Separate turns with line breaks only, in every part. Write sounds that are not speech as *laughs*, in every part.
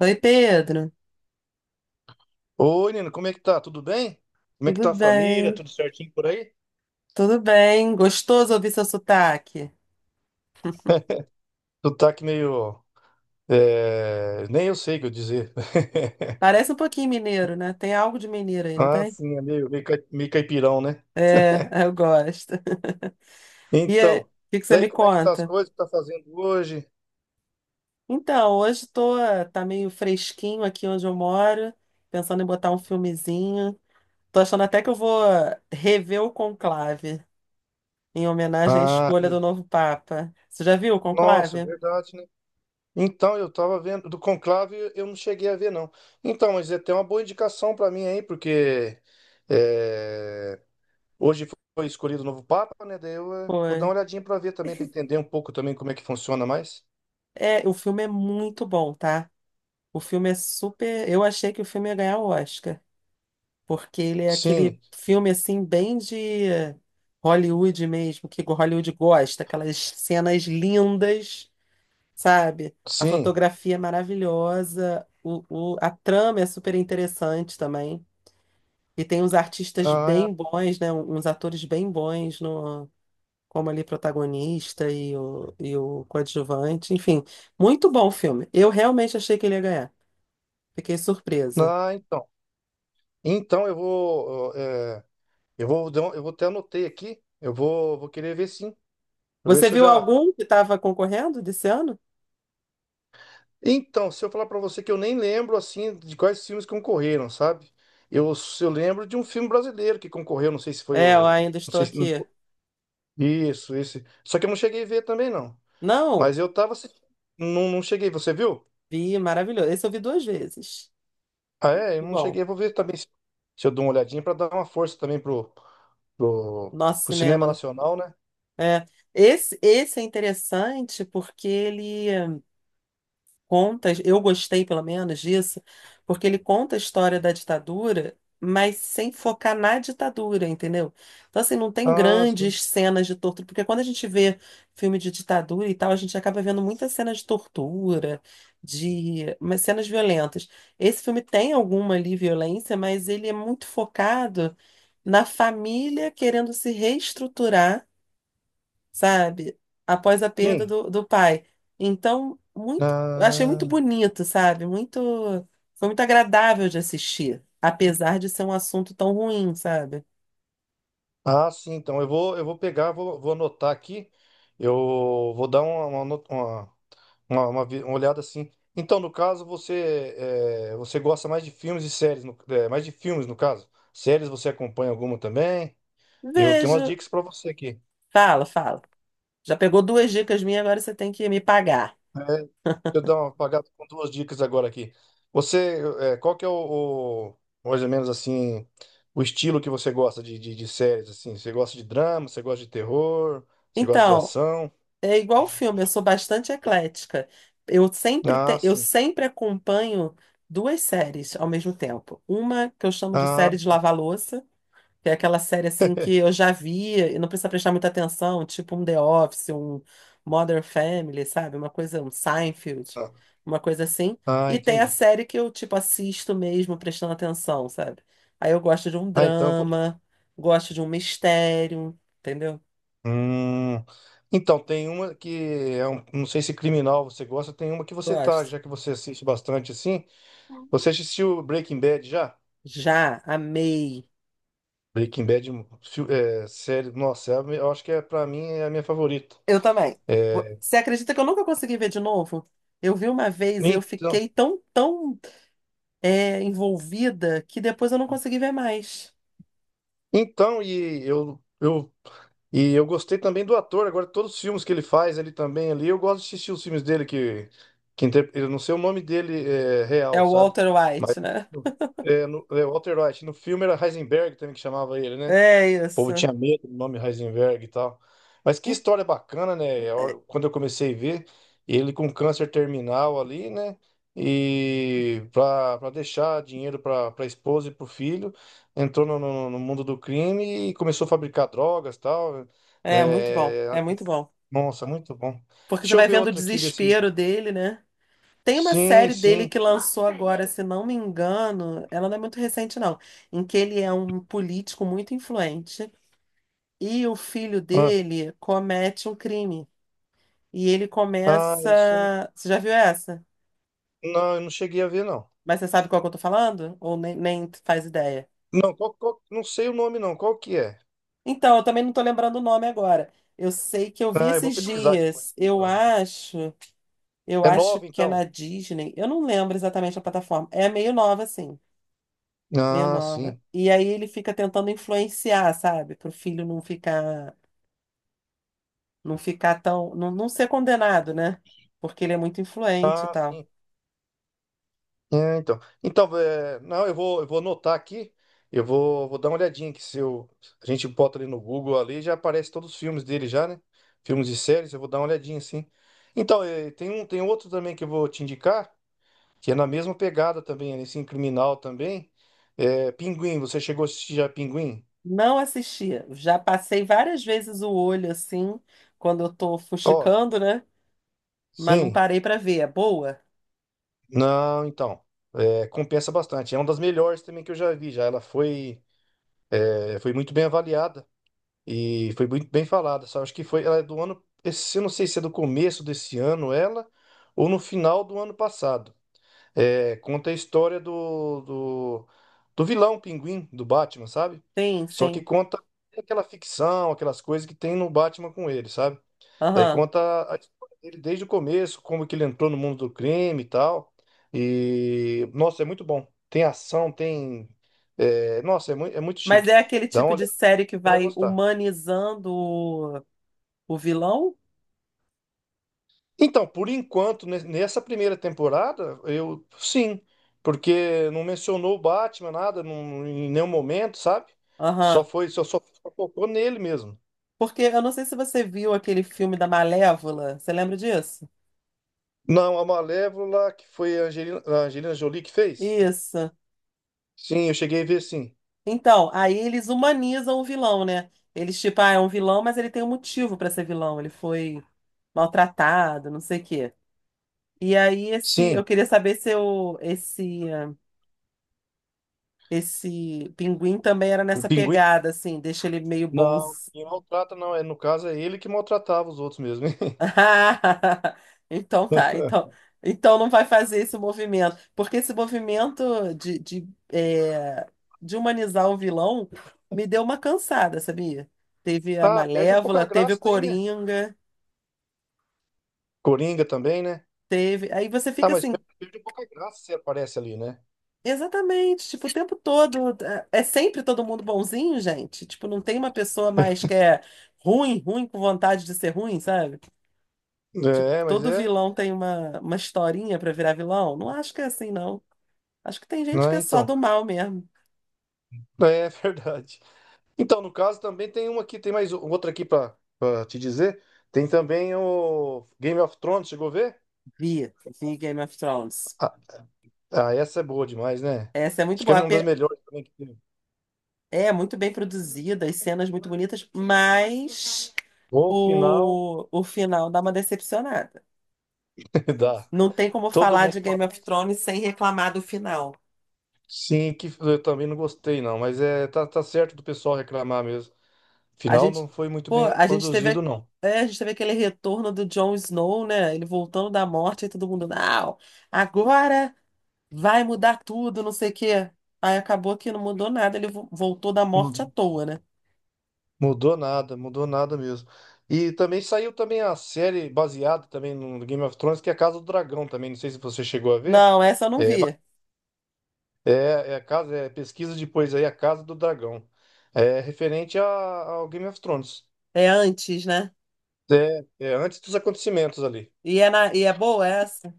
Oi, Pedro.
Oi, Nino, como é que tá? Tudo bem? Como é que
Tudo
tá a família?
bem?
Tudo certinho por aí?
Tudo bem. Gostoso ouvir seu sotaque.
Sotaque meio. Nem eu sei o que eu dizer. *laughs*
Parece um pouquinho mineiro, né? Tem algo de mineiro aí, não
Ah,
tem?
sim, é meio caipirão, né? *laughs*
É, eu gosto. *laughs* E aí, o
Então,
que que você
daí
me
como é que tá as
conta?
coisas que tá fazendo hoje?
Então, hoje tô, tá meio fresquinho aqui onde eu moro, pensando em botar um filmezinho. Tô achando até que eu vou rever o Conclave, em homenagem à
Ah,
escolha do novo Papa. Você já viu o
nossa,
Conclave?
verdade, né? Então, eu tava vendo do Conclave, eu não cheguei a ver, não. Então, mas é até uma boa indicação pra mim aí, porque. é, Hoje foi escolhido o novo Papa, né? Daí eu vou dar
Foi.
uma olhadinha para ver também, para entender um pouco também como é que funciona mais.
É, o filme é muito bom, tá? O filme é super. Eu achei que o filme ia ganhar o Oscar, porque ele é aquele
Sim,
filme assim, bem de Hollywood mesmo, que Hollywood gosta, aquelas cenas lindas, sabe? A
sim.
fotografia é maravilhosa, a trama é super interessante também. E tem uns artistas
Ah,
bem bons, né? Uns atores bem bons no, como ali protagonista o coadjuvante. Enfim, muito bom o filme. Eu realmente achei que ele ia ganhar. Fiquei surpresa.
ah, então. Então eu vou, eh, eu vou, dar um- eu vou até anotei aqui. Eu vou querer ver sim. Eu ver
Você
se eu
viu
já.
algum que estava concorrendo desse ano?
Então, se eu falar para você que eu nem lembro assim de quais filmes concorreram, sabe? Eu, eu lembro de um filme brasileiro que concorreu, não sei se foi
É, eu
o,
ainda
não
estou
sei se não
aqui.
foi. Isso, esse. Só que eu não cheguei a ver também não.
Não,
Mas eu tava assistindo, não, não cheguei. Você viu?
vi, maravilhoso. Esse eu vi duas vezes.
Ah, é? Eu
Muito
não
bom.
cheguei. Eu vou ver também se eu dou uma olhadinha para dar uma força também
Nosso
pro
cinema,
cinema
né?
nacional, né?
É. Esse é interessante porque ele conta, eu gostei pelo menos disso, porque ele conta a história da ditadura, mas sem focar na ditadura, entendeu? Então, assim, não tem
Ah, sim.
grandes cenas de tortura, porque quando a gente vê filme de ditadura e tal, a gente acaba vendo muitas cenas de tortura, de mas cenas violentas. Esse filme tem alguma ali violência, mas ele é muito focado na família querendo se reestruturar, sabe? Após a perda
Sim.
do pai. Então, eu achei muito
Ah,
bonito, sabe? Foi muito agradável de assistir, apesar de ser um assunto tão ruim, sabe?
ah, sim. Então eu vou pegar, vou, vou anotar aqui. Eu vou dar uma, no- uma vi- uma olhada assim. Então, no caso, você, você gosta mais de filmes e séries, mais de filmes, no caso. Séries você acompanha alguma também? Eu tenho umas
Vejo.
dicas para você aqui.
Fala, fala. Já pegou duas dicas minhas, agora você tem que me pagar.
Eu dar uma apagada com duas dicas agora aqui. Você, qual que é o mais ou menos assim, o estilo que você gosta de séries, assim? Você gosta de drama, você gosta de terror, você gosta de
Então,
ação?
é igual o filme, eu sou bastante eclética. Eu sempre,
Ah,
te- eu
sim.
sempre acompanho duas séries ao mesmo tempo. Uma que eu chamo de
Ah,
série de lavar-louça, que é aquela série assim que eu
*laughs*
já via e não precisa prestar muita atenção, tipo um The Office, um Modern Family, sabe? Uma coisa, um Seinfeld,
ah,
uma coisa assim.
ah,
E tem a
entendi.
série que eu, tipo, assisto mesmo prestando atenção, sabe? Aí eu gosto de um
Ah, então eu vou...
drama, gosto de um mistério, entendeu?
Hum, então, tem uma que é um, não sei se criminal você gosta, tem uma que você tá,
Gosto.
já que você assiste bastante assim. Você assistiu Breaking Bad já?
Já amei.
Breaking Bad, série, nossa, eu acho que é para mim é a minha favorita.
Eu também. Vo-
É,
Você acredita que eu nunca consegui ver de novo? Eu vi uma vez e eu
então,
fiquei tão, envolvida que depois eu não consegui ver mais.
então e eu, eu eu gostei também do ator. Agora todos os filmes que ele faz ele também ali, eu gosto de assistir os filmes dele que eu não sei o nome dele é,
É
real,
o
sabe?
Walter
Mas
White, né?
é, é Walter White. No filme era Heisenberg também que chamava ele, né?
É
O povo
isso.
tinha medo do nome Heisenberg e tal. Mas que
En-
história bacana, né? Quando eu comecei a ver, ele com câncer terminal ali, né? E para deixar dinheiro para a esposa e para o filho, entrou no no mundo do crime e começou a fabricar drogas e tal, né?
É muito bom,
É,
é muito bom.
nossa, muito bom.
Porque você
Deixa eu
vai
ver
vendo o
outra aqui, ver se.
desespero dele, né? Tem uma
Sim,
série dele
sim.
que lançou agora, se não me engano, ela não é muito recente, não, em que ele é um político muito influente e o filho
Ah,
dele comete um crime. E ele
ah, isso.
começa. Você já viu essa?
Não, eu não cheguei a ver, não.
Mas você sabe qual que eu tô falando? Ou nem faz ideia?
Não, não sei o nome, não. Qual que é?
Então, eu também não tô lembrando o nome agora. Eu sei que eu vi
Ah, eu vou
esses
pesquisar depois.
dias. Eu acho. Eu
É
acho
nova,
que é
então?
na Disney. Eu não lembro exatamente a plataforma. É meio nova, assim. Meio
Ah,
nova.
sim.
E aí ele fica tentando influenciar, sabe? Pro filho não ficar tão, não, não ser condenado, né? Porque ele é muito influente e
Ah,
tal.
sim. É, então. Então, é, não, eu vou anotar aqui. Eu vou dar uma olhadinha que se eu, a gente bota ali no Google ali, já aparece todos os filmes dele já, né? Filmes e séries, eu vou dar uma olhadinha, sim. Então, é, tem um, tem outro também que eu vou te indicar, que é na mesma pegada também, nesse criminal também. É, Pinguim, você chegou a assistir já Pinguim?
Não assistia. Já passei várias vezes o olho assim, quando eu tô
Ó,
fuxicando, né? Mas não
sim.
parei pra ver. É boa?
Não, então. É, compensa bastante. É uma das melhores também que eu já vi já. Ela foi. É, foi muito bem avaliada e foi muito bem falada. Só acho que foi, ela é do ano, eu não sei se é do começo desse ano ela ou no final do ano passado. É, conta a história do vilão Pinguim do Batman, sabe?
Sim,
Só que
sim.
conta aquela ficção, aquelas coisas que tem no Batman com ele, sabe? Daí
Aham.
conta a história dele desde o começo, como que ele entrou no mundo do crime e tal. E, nossa, é muito bom. Tem ação, tem. É, nossa, é muito
Mas é
chique.
aquele
Dá
tipo
uma, você
de série que
vai
vai
gostar.
humanizando o vilão?
Então, por enquanto, nessa primeira temporada, eu sim, porque não mencionou o Batman, nada, em nenhum momento, sabe? Só
Aham.
foi, só focou nele mesmo.
Porque eu não sei se você viu aquele filme da Malévola. Você lembra disso?
Não, a Malévola, que foi a Angelina Jolie que fez?
Isso.
Sim, eu cheguei a ver, sim.
Então, aí eles humanizam o vilão, né? Eles, tipo, ah, é um vilão, mas ele tem um motivo pra ser vilão. Ele foi maltratado, não sei o quê. E aí, eu
Sim,
queria saber se esse pinguim também era
o
nessa
Pinguim?
pegada, assim, deixa ele meio
Não,
bons.
quem maltrata não, é, no caso é ele que maltratava os outros mesmo.
Ah, *laughs* Então tá, então,
*laughs*
não vai fazer esse movimento, porque esse movimento de humanizar o vilão me deu uma cansada, sabia? Teve a
Ah, perde um pouco a
Malévola, teve o
graça daí, né?
Coringa,
Coringa também, né?
teve. Aí você
Ah,
fica
mas
assim,
perde um pouco a graça se aparece ali, né?
exatamente, tipo, o tempo todo. É sempre todo mundo bonzinho, gente. Tipo, não tem uma pessoa mais que é ruim, ruim com vontade de ser ruim, sabe? Tipo,
É, mas
todo
é.
vilão tem uma historinha pra virar vilão. Não acho que é assim, não. Acho que tem gente que
Ah,
é só
então.
do mal mesmo.
*laughs* É verdade. Então, no caso, também tem uma aqui, tem mais outra aqui pra te dizer. Tem também o Game of Thrones, chegou a ver?
Vi, vi Game of Thrones.
Ah, ah, essa é boa demais, né?
Essa é muito
Acho que é
boa.
uma das melhores também que tem.
É muito bem produzida, as cenas muito bonitas, mas
O final
o final dá uma decepcionada.
*laughs* dá.
Não tem como
Todo
falar
mundo
de Game
fala
of
isso.
Thrones sem reclamar do final.
Sim, que eu também não gostei, não, mas é, tá, tá certo do pessoal reclamar mesmo.
A
Final não
gente,
foi muito
pô,
bem
a gente
produzido,
teve,
não.
é, a gente teve aquele retorno do Jon Snow, né? Ele voltando da morte e todo mundo, não, agora vai mudar tudo, não sei o quê. Aí acabou que não mudou nada, ele voltou da morte à toa, né?
Mudou nada mesmo. E também saiu também a série baseada também no Game of Thrones, que é a Casa do Dragão também. Não sei se você chegou a ver.
Não, essa eu não
É, ba-
vi.
é, é a casa, é pesquisa depois aí, a Casa do Dragão. É referente ao Game of Thrones.
É antes, né?
É, é antes dos acontecimentos ali.
E é boa essa?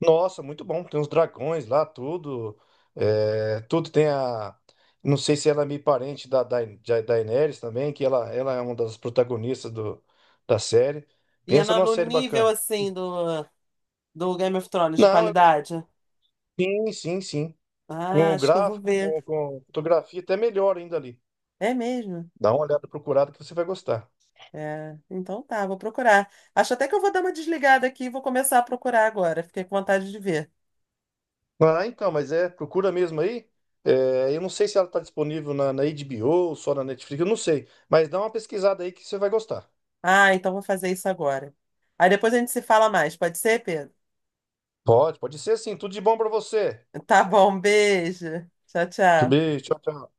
Nossa, muito bom. Tem os dragões lá, tudo. É, tudo tem a. Não sei se ela é meio parente da Daenerys também, que ela é uma das protagonistas do, da série.
E é
Pensa
na-
numa
no
série
nível,
bacana.
assim, do Game of Thrones, de
Não, eu-
qualidade.
sim, sim, sim. Com
Ah,
o
acho que eu vou
gráfico,
ver.
com fotografia, até melhor ainda ali.
É mesmo?
Dá uma olhada procurada que você vai gostar.
É. Então tá, vou procurar. Acho até que eu vou dar uma desligada aqui e vou começar a procurar agora. Fiquei com vontade de ver.
Ah, então, mas é, procura mesmo aí. É, eu não sei se ela está disponível na HBO ou só na Netflix, eu não sei. Mas dá uma pesquisada aí que você vai gostar.
Ah, então vou fazer isso agora. Aí depois a gente se fala mais, pode ser, Pedro?
Pode, pode ser sim. Tudo de bom para você.
Tá bom, um beijo. Tchau,
Tudo
tchau.
bem, tchau, tchau.